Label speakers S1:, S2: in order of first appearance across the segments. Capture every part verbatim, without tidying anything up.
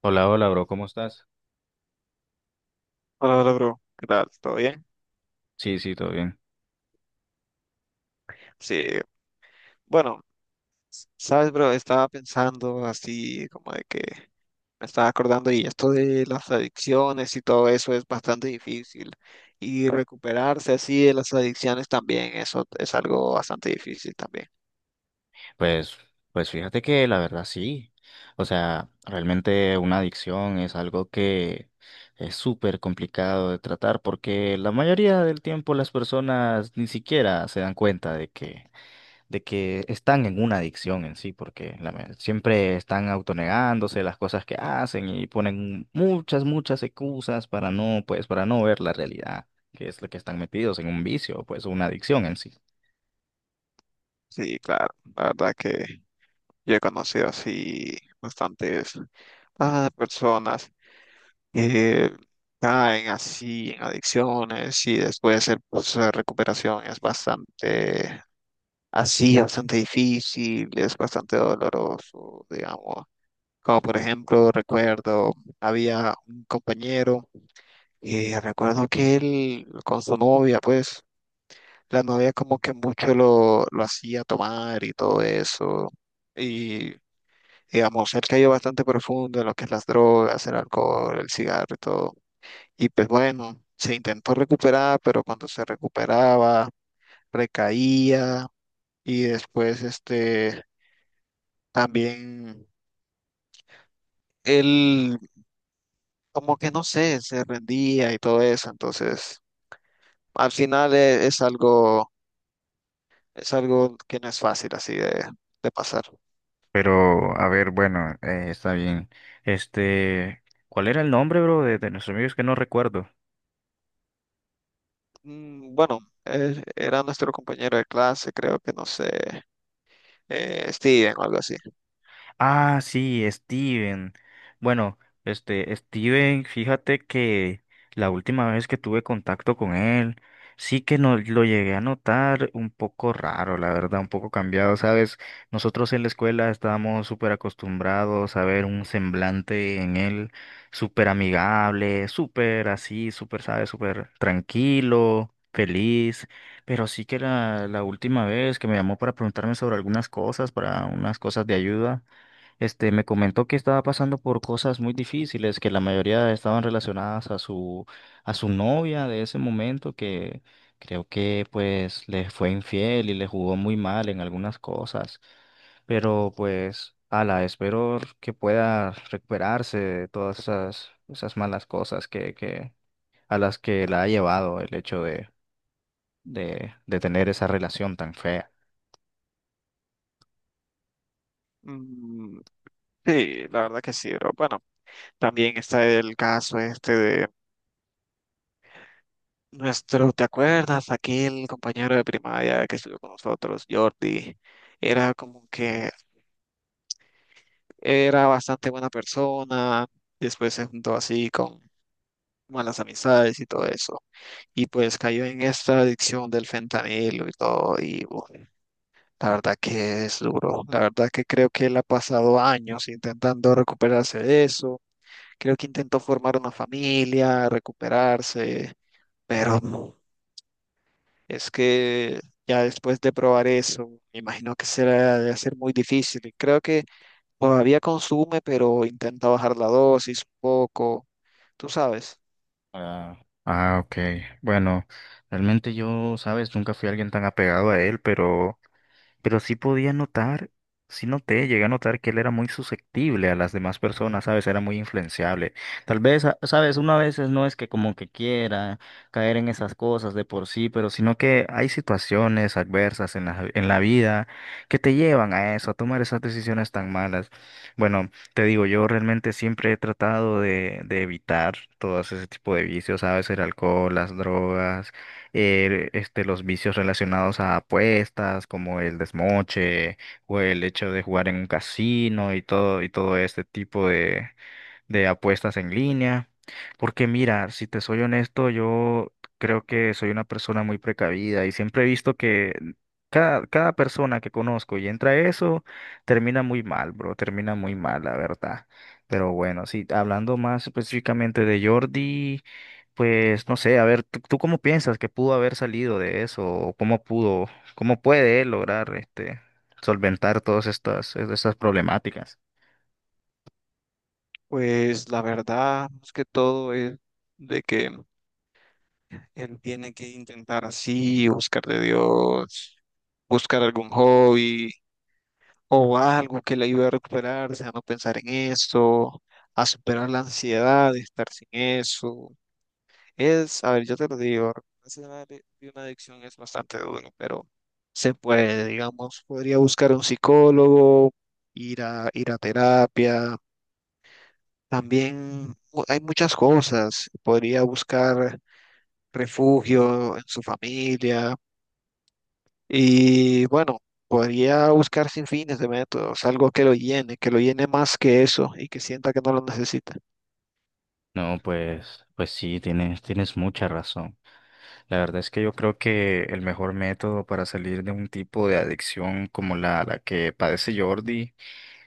S1: Hola, hola, bro, ¿cómo estás?
S2: Hola, hola, bro. ¿Qué tal? ¿Todo bien?
S1: Sí, sí, todo bien.
S2: Sí, bueno, sabes, bro, estaba pensando así como de que me estaba acordando y esto de las adicciones y todo eso es bastante difícil y recuperarse así de las adicciones también, eso es algo bastante difícil también.
S1: Pues, pues fíjate que la verdad sí. O sea, realmente una adicción es algo que es súper complicado de tratar porque la mayoría del tiempo las personas ni siquiera se dan cuenta de que, de que están en una adicción en sí, porque la ma- siempre están autonegándose las cosas que hacen y ponen muchas, muchas excusas para no, pues, para no ver la realidad, que es lo que están metidos en un vicio, pues una adicción en sí.
S2: Sí, claro, la verdad que yo he conocido así bastantes ah, personas que caen así en adicciones y después el proceso de recuperación es bastante así bastante difícil, es bastante doloroso, digamos. Como por ejemplo, recuerdo, había un compañero y recuerdo que él con su novia, pues, la novia como que mucho lo, lo hacía tomar y todo eso. Y digamos, él cayó bastante profundo en lo que es las drogas, el alcohol, el cigarro y todo. Y pues bueno, se intentó recuperar, pero cuando se recuperaba, recaía y después este también él, como que no sé, se rendía y todo eso. Entonces, al final e- es, algo, es algo que no es fácil así de, de pasar.
S1: Pero, a ver, bueno, eh, está bien. Este, ¿cuál era el nombre, bro, de, de nuestros amigos que no recuerdo?
S2: Mm, bueno, eh, era nuestro compañero de clase, creo que no sé, eh, Steven o algo así.
S1: Ah, sí, Steven. Bueno, este, Steven, fíjate que la última vez que tuve contacto con él, sí que no, lo llegué a notar un poco raro, la verdad, un poco cambiado, ¿sabes? Nosotros en la escuela estábamos súper acostumbrados a ver un semblante en él súper amigable, súper así, súper, ¿sabes? Súper tranquilo, feliz. Pero sí que la, la última vez que me llamó para preguntarme sobre algunas cosas, para unas cosas de ayuda. Este, me comentó que estaba pasando por cosas muy difíciles, que la mayoría estaban relacionadas a su, a su novia de ese momento, que creo que pues le fue infiel y le jugó muy mal en algunas cosas. Pero pues, ala, espero que pueda recuperarse de todas esas, esas malas cosas que, que, a las que la ha llevado el hecho de, de, de tener esa relación tan fea.
S2: Mm, sí, la verdad que sí, pero bueno, también está el caso este de nuestro, ¿te acuerdas? Aquel compañero de primaria que estudió con nosotros, Jordi, era como que era bastante buena persona, después se juntó así con malas amistades y todo eso. Y pues cayó en esta adicción del fentanilo y todo. Y uf, la verdad que es duro. La verdad que creo que él ha pasado años intentando recuperarse de eso. Creo que intentó formar una familia, recuperarse, pero no. Es que ya después de probar eso, me imagino que será de ser muy difícil. Y creo que todavía consume, pero intenta bajar la dosis un poco. Tú sabes,
S1: Ah, ah, ok. Bueno, realmente yo, sabes, nunca fui alguien tan apegado a él, pero pero sí podía notar, sí noté, llegué a notar que él era muy susceptible a las demás personas, ¿sabes? Era muy influenciable. Tal vez, a- ¿sabes? Una veces no es que como que quiera caer en esas cosas de por sí, pero sino que hay situaciones adversas en la, en la vida que te llevan a eso, a tomar esas decisiones tan malas. Bueno, te digo, yo realmente siempre he tratado de, de evitar todo ese tipo de vicios, ¿sabes? El alcohol, las drogas eh, este, los vicios relacionados a apuestas, como el desmoche o el hecho de jugar en un casino y todo, y todo este tipo de, de apuestas en línea. Porque mira, si te soy honesto, yo creo que soy una persona muy precavida y siempre he visto que cada, cada persona que conozco y entra a eso, termina muy mal, bro, termina muy mal, la verdad. Pero bueno, sí, hablando más específicamente de Jordi. Pues no sé, a ver, ¿tú, tú cómo piensas que pudo haber salido de eso? ¿O cómo pudo, cómo puede él lograr este solventar todas estas, estas problemáticas?
S2: pues la verdad es que todo es de que él tiene que intentar así, buscar de Dios, buscar algún hobby o algo que le ayude a recuperarse, a no pensar en eso, a superar la ansiedad de estar sin eso. Es, a ver, yo te lo digo, recuperarse de una ade- de una adicción es bastante duro, pero se puede, digamos, podría buscar un psicólogo, ir a, ir a terapia. También u- hay muchas cosas. Podría buscar refugio en su familia y bueno, podría buscar sin fines de métodos, algo que lo llene, que lo llene más que eso y que sienta que no lo necesita.
S1: No, pues, pues sí, tienes, tienes mucha razón. La verdad es que yo creo que el mejor método para salir de un tipo de adicción como la, la que padece Jordi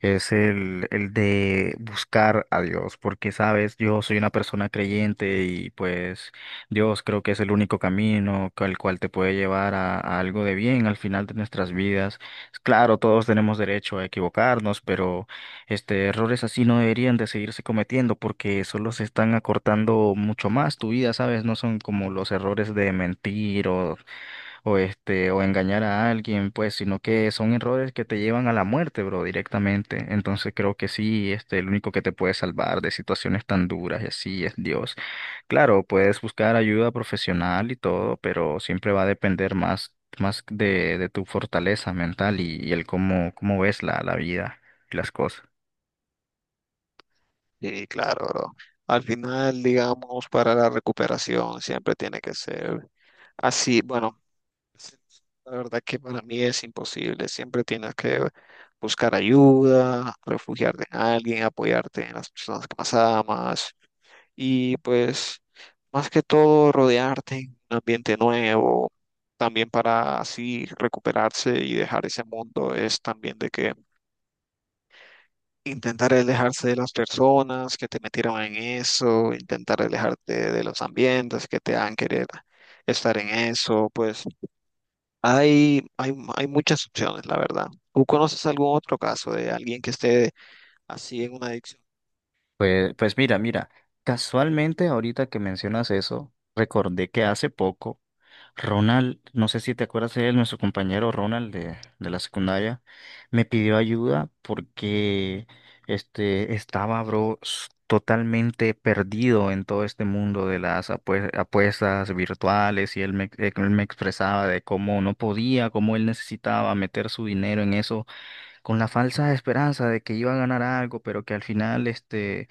S1: es el, el de buscar a Dios, porque sabes, yo soy una persona creyente y pues Dios creo que es el único camino al cual te puede llevar a, a algo de bien al final de nuestras vidas. Claro, todos tenemos derecho a equivocarnos, pero este errores así no deberían de seguirse cometiendo porque solo se están acortando mucho más tu vida, sabes, no son como los errores de mentir o o este, o engañar a alguien, pues, sino que son errores que te llevan a la muerte, bro, directamente. Entonces creo que sí, este, el único que te puede salvar de situaciones tan duras y así es Dios. Claro, puedes buscar ayuda profesional y todo, pero siempre va a depender más, más de, de tu fortaleza mental y, y el cómo, cómo ves la, la vida y las cosas.
S2: Sí, claro, bro. Al final, digamos, para la recuperación siempre tiene que ser así. Bueno, sí, la verdad que para mí es imposible. Siempre tienes que buscar ayuda, refugiarte en alguien, apoyarte en las personas que más amas y pues más que todo rodearte en un ambiente nuevo. También para así recuperarse y dejar ese mundo es también de que intentar alejarse de las personas que te metieron en eso, intentar alejarte de los ambientes que te han querer estar en eso, pues hay, hay, hay muchas opciones, la verdad. ¿Tú conoces algún otro caso de alguien que esté así en una adicción?
S1: Pues, pues mira, mira, casualmente ahorita que mencionas eso, recordé que hace poco Ronald, no sé si te acuerdas de él, nuestro compañero Ronald de, de la secundaria, me pidió ayuda porque este estaba, bro, s- totalmente perdido en todo este mundo de las apue- apuestas virtuales y él me, eh, él me expresaba de cómo no podía, cómo él necesitaba meter su dinero en eso con la falsa esperanza de que iba a ganar algo, pero que al final este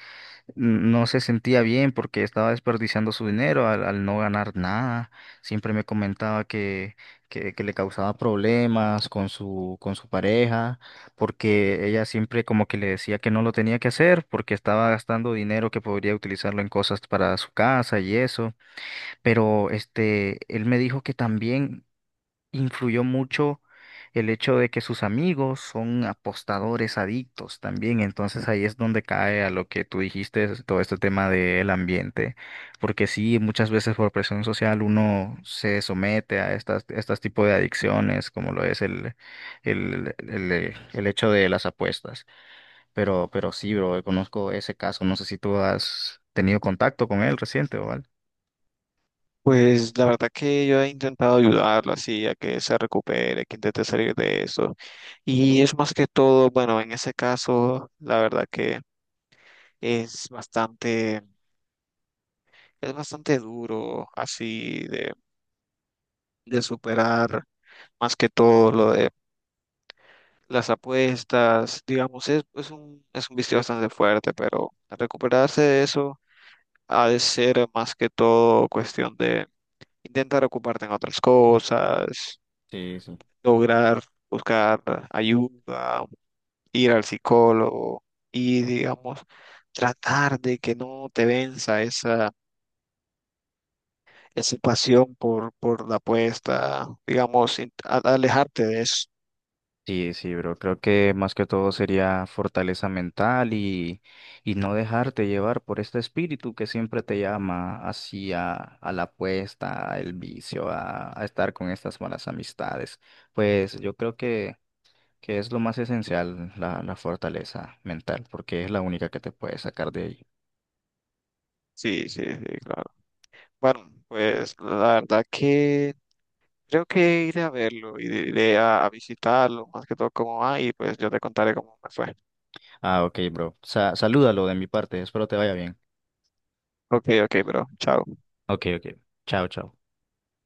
S1: no se sentía bien porque estaba desperdiciando su dinero al, al no ganar nada. Siempre me comentaba que, que, que le causaba problemas con su, con su pareja, porque ella siempre como que le decía que no lo tenía que hacer, porque estaba gastando dinero que podría utilizarlo en cosas para su casa y eso. Pero este, él me dijo que también influyó mucho el hecho de que sus amigos son apostadores adictos también. Entonces ahí es donde cae a lo que tú dijiste, es todo este tema del ambiente. Porque sí, muchas veces por presión social uno se somete a estas, estas tipos de adicciones, como lo es el, el, el, eh, el hecho de las apuestas. Pero, pero sí, bro, conozco ese caso. No sé si tú has tenido contacto con él reciente o
S2: Pues la verdad que yo he intentado ayudarlo así a que se recupere, que intente salir de eso. Y es más que todo, bueno, en ese caso, la verdad que es bastante, es bastante duro así de superar más que todo lo de las apuestas, digamos, es, es un, es un vicio bastante fuerte, pero recuperarse de eso ha de ser más que todo cuestión de intentar ocuparte en otras cosas,
S1: algo.
S2: lograr buscar ayuda, ir al psicólogo y, digamos, tratar de que no te venza esa, esa pasión por, por la apuesta, digamos, in- a- alejarte de eso.
S1: Sí, sí, bro. Creo que más que todo sería fortaleza mental y, y no dejarte llevar por este espíritu que siempre te llama hacia a la apuesta, el vicio, a, a estar con estas malas amistades. Pues yo creo que, que es lo más esencial, la, la fortaleza mental, porque es la única que te puede sacar de ahí.
S2: Sí, sí, sí, claro. Bueno, pues la verdad que creo que iré a verlo, iré iré a, a visitarlo, más que todo cómo va, y pues yo te contaré cómo me fue.
S1: Ah, ok, bro. Sa- salúdalo de mi parte. Espero te vaya bien.
S2: Ok, ok, bro, chao.
S1: Ok, ok. Chao, chao.